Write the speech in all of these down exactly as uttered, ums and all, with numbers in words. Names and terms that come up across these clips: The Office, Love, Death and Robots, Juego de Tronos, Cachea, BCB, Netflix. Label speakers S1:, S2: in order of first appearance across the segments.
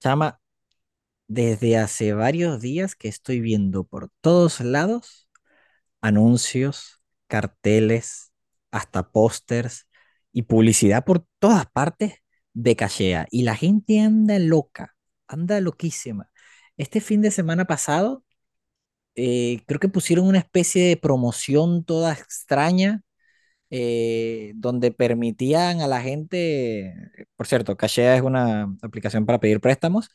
S1: Chama, desde hace varios días que estoy viendo por todos lados anuncios, carteles, hasta pósters y publicidad por todas partes de Cachea. Y la gente anda loca, anda loquísima. Este fin de semana pasado, eh, creo que pusieron una especie de promoción toda extraña eh, donde permitían a la gente, por cierto, Cashea es una aplicación para pedir préstamos,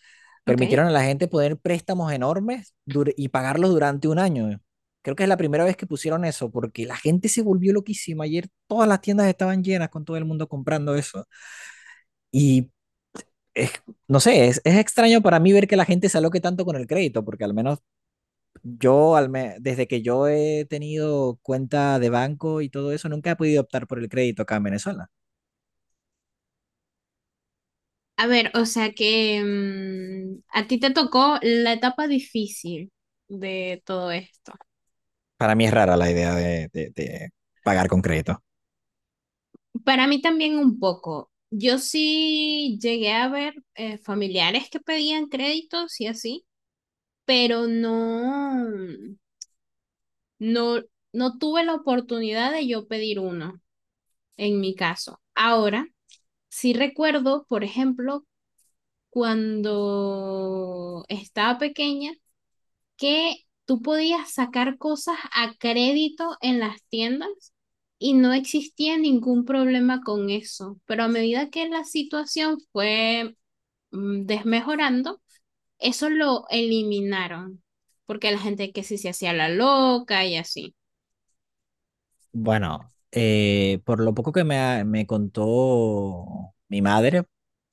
S2: Ok.
S1: permitieron a la gente poner préstamos enormes dur- y pagarlos durante un año. Creo que es la primera vez que pusieron eso, porque la gente se volvió loquísima. Ayer todas las tiendas estaban llenas con todo el mundo comprando eso. Y es- no sé, es, es extraño para mí ver que la gente se aloque tanto con el crédito, porque al menos yo, al me- desde que yo he tenido cuenta de banco y todo eso, nunca he podido optar por el crédito acá en Venezuela.
S2: A ver, o sea que mm, a ti te tocó la etapa difícil de todo esto.
S1: Para mí es rara la idea de, de- de pagar con crédito.
S2: Para mí también un poco. Yo sí llegué a ver eh, familiares que pedían créditos y así, pero no, no, no tuve la oportunidad de yo pedir uno en mi caso. Ahora, sí recuerdo, por ejemplo, cuando estaba pequeña que tú podías sacar cosas a crédito en las tiendas y no existía ningún problema con eso. Pero a medida que la situación fue mm, desmejorando, eso lo eliminaron, porque la gente que sí se hacía la loca y así.
S1: Bueno, eh, por lo poco que me, ha- me contó mi madre,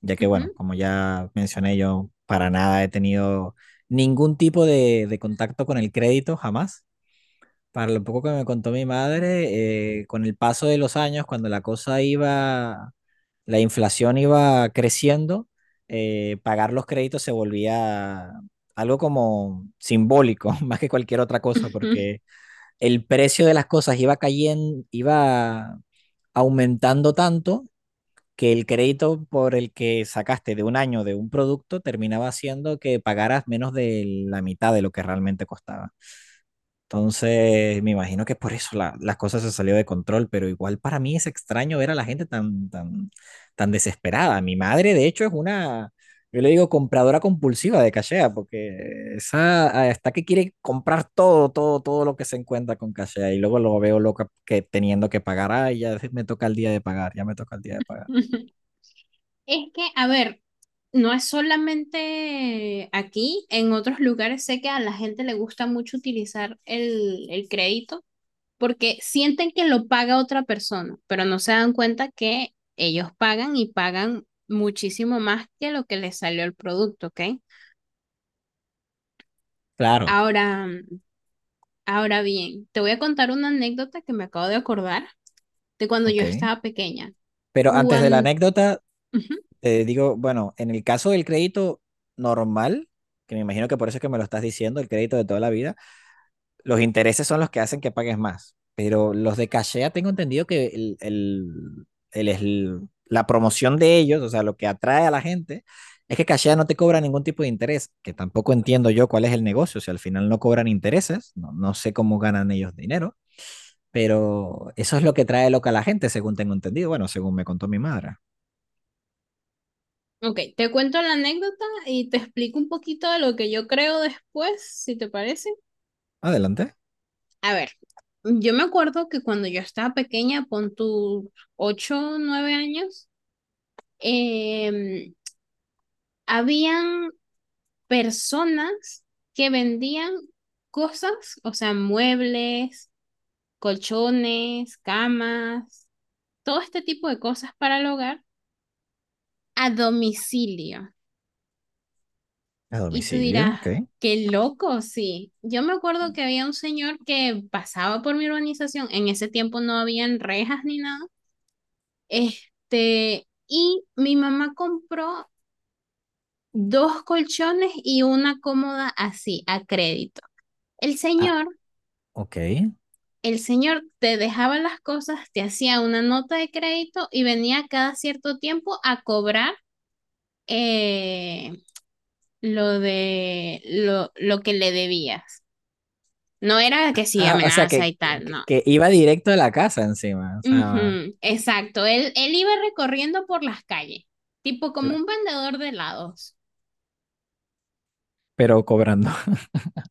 S1: ya que,
S2: Ujú.
S1: bueno, como ya mencioné, yo para nada he tenido ningún tipo de, de contacto con el crédito, jamás. Para lo poco que me contó mi madre, eh, con el paso de los años, cuando la cosa iba la inflación iba creciendo, eh, pagar los créditos se volvía algo como simbólico, más que cualquier otra cosa, porque el precio de las cosas iba cayendo, iba aumentando tanto que el crédito por el que sacaste de un año de un producto terminaba haciendo que pagaras menos de la mitad de lo que realmente costaba. Entonces, me imagino que por eso la- las cosas se salió de control, pero igual para mí es extraño ver a la gente tan, tan, tan desesperada. Mi madre, de hecho, es una, yo le digo, compradora compulsiva de cachea, porque esa ah, está que quiere comprar todo, todo, todo lo que se encuentra con cachea, y luego lo veo loca que teniendo que pagar, ay, ya me toca el día de pagar, ya me toca el día de pagar.
S2: Es que, a ver, no es solamente aquí, en otros lugares sé que a la gente le gusta mucho utilizar el, el crédito porque sienten que lo paga otra persona, pero no se dan cuenta que ellos pagan y pagan muchísimo más que lo que les salió el producto, ¿ok?
S1: Claro,
S2: Ahora, ahora bien, te voy a contar una anécdota que me acabo de acordar de cuando yo
S1: ok.
S2: estaba pequeña.
S1: Pero antes de la
S2: Cuando...
S1: anécdota,
S2: Uh-huh.
S1: te digo, bueno, en el caso del crédito normal, que me imagino que por eso es que me lo estás diciendo, el crédito de toda la vida, los intereses son los que hacen que pagues más. Pero los de cachea tengo entendido que el, el- el- el- la promoción de ellos, o sea, lo que atrae a la gente, es que cachea no te cobra ningún tipo de interés, que tampoco entiendo yo cuál es el negocio, si al final no cobran intereses, no, no sé cómo ganan ellos dinero, pero eso es lo que trae loca a la gente, según tengo entendido, bueno, según me contó mi madre.
S2: Ok, te cuento la anécdota y te explico un poquito de lo que yo creo después, si te parece.
S1: Adelante.
S2: A ver, yo me acuerdo que cuando yo estaba pequeña, pon tus ocho, nueve años, eh, habían personas que vendían cosas, o sea, muebles, colchones, camas, todo este tipo de cosas para el hogar a domicilio.
S1: A
S2: Y tú
S1: domicilio,
S2: dirás,
S1: ok.
S2: qué loco, sí. Yo me acuerdo que había un señor que pasaba por mi urbanización, en ese tiempo no habían rejas ni nada, este, y mi mamá compró dos colchones y una cómoda así, a crédito. El
S1: Ah,
S2: señor
S1: ok.
S2: el señor te dejaba las cosas, te hacía una nota de crédito y venía cada cierto tiempo a cobrar eh, lo de lo, lo que le debías. No era que sí,
S1: Ah, o sea,
S2: amenaza
S1: que,
S2: y tal,
S1: que,
S2: no.
S1: que iba directo a la casa encima, o sea,
S2: Ujú, exacto, él, él iba recorriendo por las calles, tipo como
S1: la-
S2: un vendedor de helados.
S1: pero cobrando.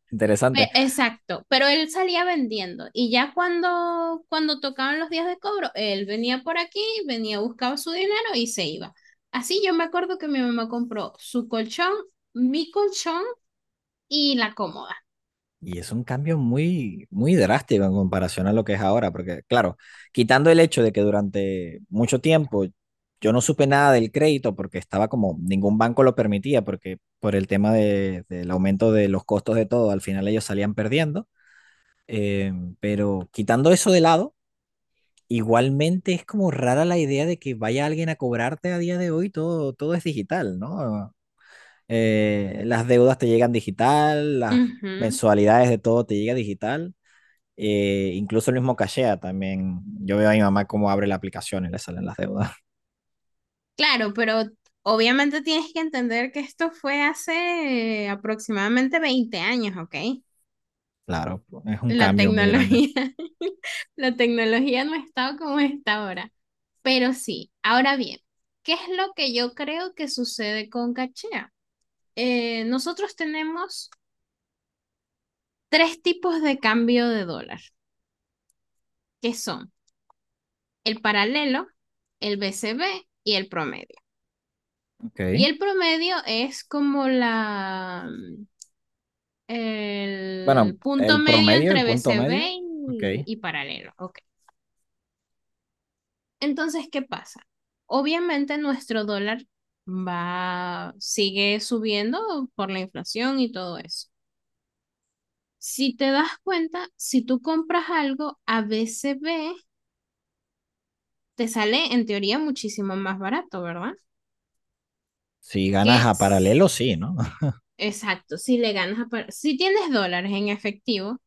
S2: Pe-
S1: Interesante.
S2: Exacto, pero él salía vendiendo y ya cuando, cuando tocaban los días de cobro, él venía por aquí, venía, buscaba su dinero y se iba. Así yo me acuerdo que mi mamá compró su colchón, mi colchón y la cómoda.
S1: Y es un cambio muy, muy drástico en comparación a lo que es ahora, porque claro, quitando el hecho de que durante mucho tiempo yo no supe nada del crédito porque estaba como, ningún banco lo permitía, porque por el tema de- del aumento de los costos de todo, al final ellos salían perdiendo. Eh, pero quitando eso de lado, igualmente es como rara la idea de que vaya alguien a cobrarte a día de hoy, todo, todo es digital, ¿no? Eh, las deudas te llegan digital, las
S2: Ujú.
S1: mensualidades de todo te llega digital, eh, incluso el mismo cachea también. Yo veo a mi mamá cómo abre la aplicación y le salen las deudas.
S2: Claro, pero obviamente tienes que entender que esto fue hace eh, aproximadamente veinte años, ¿ok?
S1: Claro, es un
S2: La
S1: cambio muy grande.
S2: tecnología, la tecnología no ha estado como está ahora, pero sí. Ahora bien, ¿qué es lo que yo creo que sucede con Cachea? Eh, nosotros tenemos tres tipos de cambio de dólar, que son el paralelo, el B C B y el promedio. Y
S1: Ok.
S2: el promedio es como la
S1: Bueno,
S2: el punto
S1: el
S2: medio
S1: promedio, el
S2: entre
S1: punto
S2: B C B
S1: medio, ok.
S2: y, y paralelo, ¿ok? Entonces, ¿qué pasa? Obviamente nuestro dólar va, sigue subiendo por la inflación y todo eso. Si te das cuenta, si tú compras algo a B C B te sale en teoría muchísimo más barato, ¿verdad?
S1: Si ganas
S2: Que
S1: a paralelo, sí, ¿no?
S2: Exacto, si le ganas a si tienes dólares en efectivo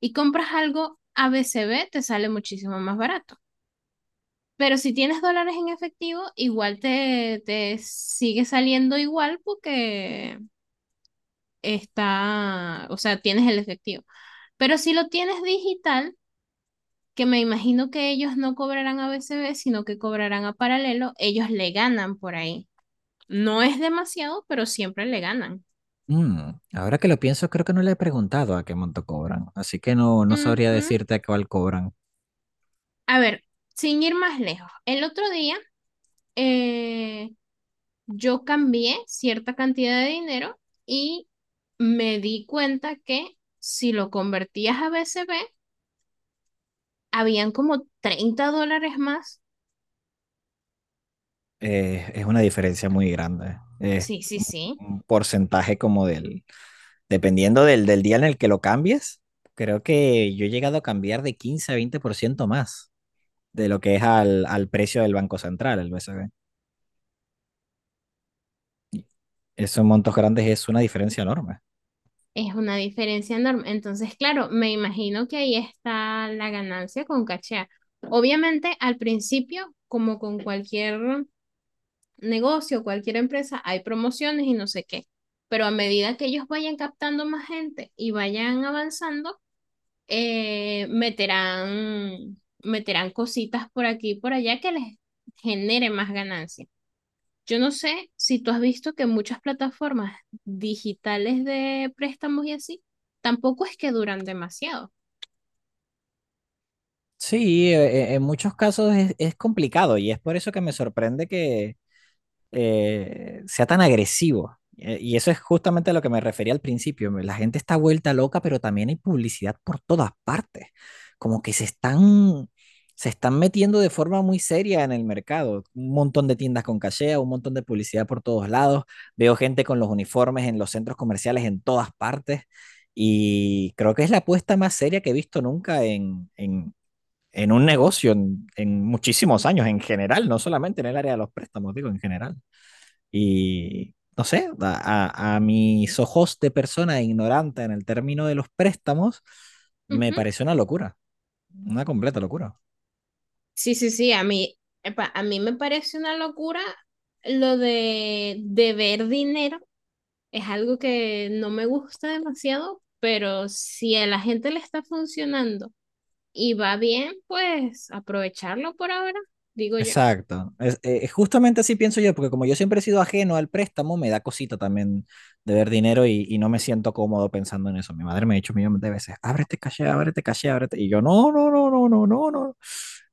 S2: y compras algo a B C B te sale muchísimo más barato. Pero si tienes dólares en efectivo, igual te, te sigue saliendo igual porque está, o sea, tienes el efectivo. Pero si lo tienes digital, que me imagino que ellos no cobrarán a B C B, sino que cobrarán a paralelo, ellos le ganan por ahí. No es demasiado, pero siempre le ganan.
S1: Mm, ahora que lo pienso, creo que no le he preguntado a qué monto cobran, así que no, no
S2: Uh
S1: sabría
S2: -huh.
S1: decirte a cuál cobran.
S2: A ver, sin ir más lejos, el otro día eh, yo cambié cierta cantidad de dinero y me di cuenta que si lo convertías a B C B, habían como treinta dólares más.
S1: Eh, es una diferencia muy grande. Es
S2: Sí, sí, sí.
S1: un porcentaje como del, dependiendo del, del día en el que lo cambies, creo que yo he llegado a cambiar de quince a veinte por ciento más de lo que es al, al precio del Banco Central, el B C B. Y esos montos grandes es una diferencia enorme.
S2: Es una diferencia enorme. Entonces, claro, me imagino que ahí está la ganancia con cachea. Obviamente, al principio, como con cualquier negocio, cualquier empresa, hay promociones y no sé qué. Pero a medida que ellos vayan captando más gente y vayan avanzando, eh, meterán, meterán cositas por aquí y por allá que les genere más ganancia. Yo no sé si tú has visto que muchas plataformas digitales de préstamos y así, tampoco es que duran demasiado.
S1: Sí, eh, eh, en muchos casos es, es complicado y es por eso que me sorprende que eh, sea tan agresivo. Eh, Y eso es justamente a lo que me refería al principio. La gente está vuelta loca, pero también hay publicidad por todas partes. Como que se están, se están metiendo de forma muy seria en el mercado. Un montón de tiendas con cachea, un montón de publicidad por todos lados. Veo gente con los uniformes en los centros comerciales en todas partes. Y creo que es la apuesta más seria que he visto nunca en, en, en un negocio en, en muchísimos años, en general, no solamente en el área de los préstamos, digo, en general. Y no sé, a, a- a mis ojos de persona ignorante en el término de los préstamos, me
S2: Ujú.
S1: pareció una locura, una completa locura.
S2: Sí, sí, sí, a mí, epa, a mí me parece una locura lo de deber dinero. Es algo que no me gusta demasiado, pero si a la gente le está funcionando y va bien, pues aprovecharlo por ahora, digo yo.
S1: Exacto. Es, eh, eh, justamente así pienso yo, porque como yo siempre he sido ajeno al préstamo, me da cosita también de ver dinero y, y no me siento cómodo pensando en eso. Mi madre me ha dicho millones de veces, ábrete caché, ábrete caché, ábrete. Y yo, no, no, no, no, no, no, no.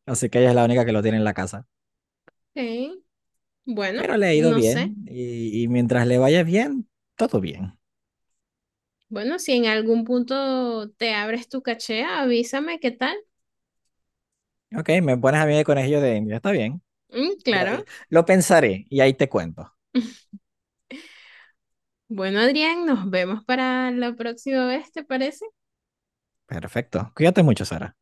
S1: Así que ella es la única que lo tiene en la casa.
S2: Ok, bueno,
S1: Pero le ha ido
S2: no
S1: bien
S2: sé.
S1: y, y mientras le vaya bien, todo bien.
S2: Bueno, si en algún punto te abres tu caché, avísame qué tal.
S1: Ok, me pones a mí de conejillo de India. Está bien.
S2: Mm,
S1: Ya, ya.
S2: claro.
S1: Lo pensaré y ahí te cuento.
S2: Bueno, Adrián, nos vemos para la próxima vez, ¿te parece?
S1: Perfecto. Cuídate mucho, Sara.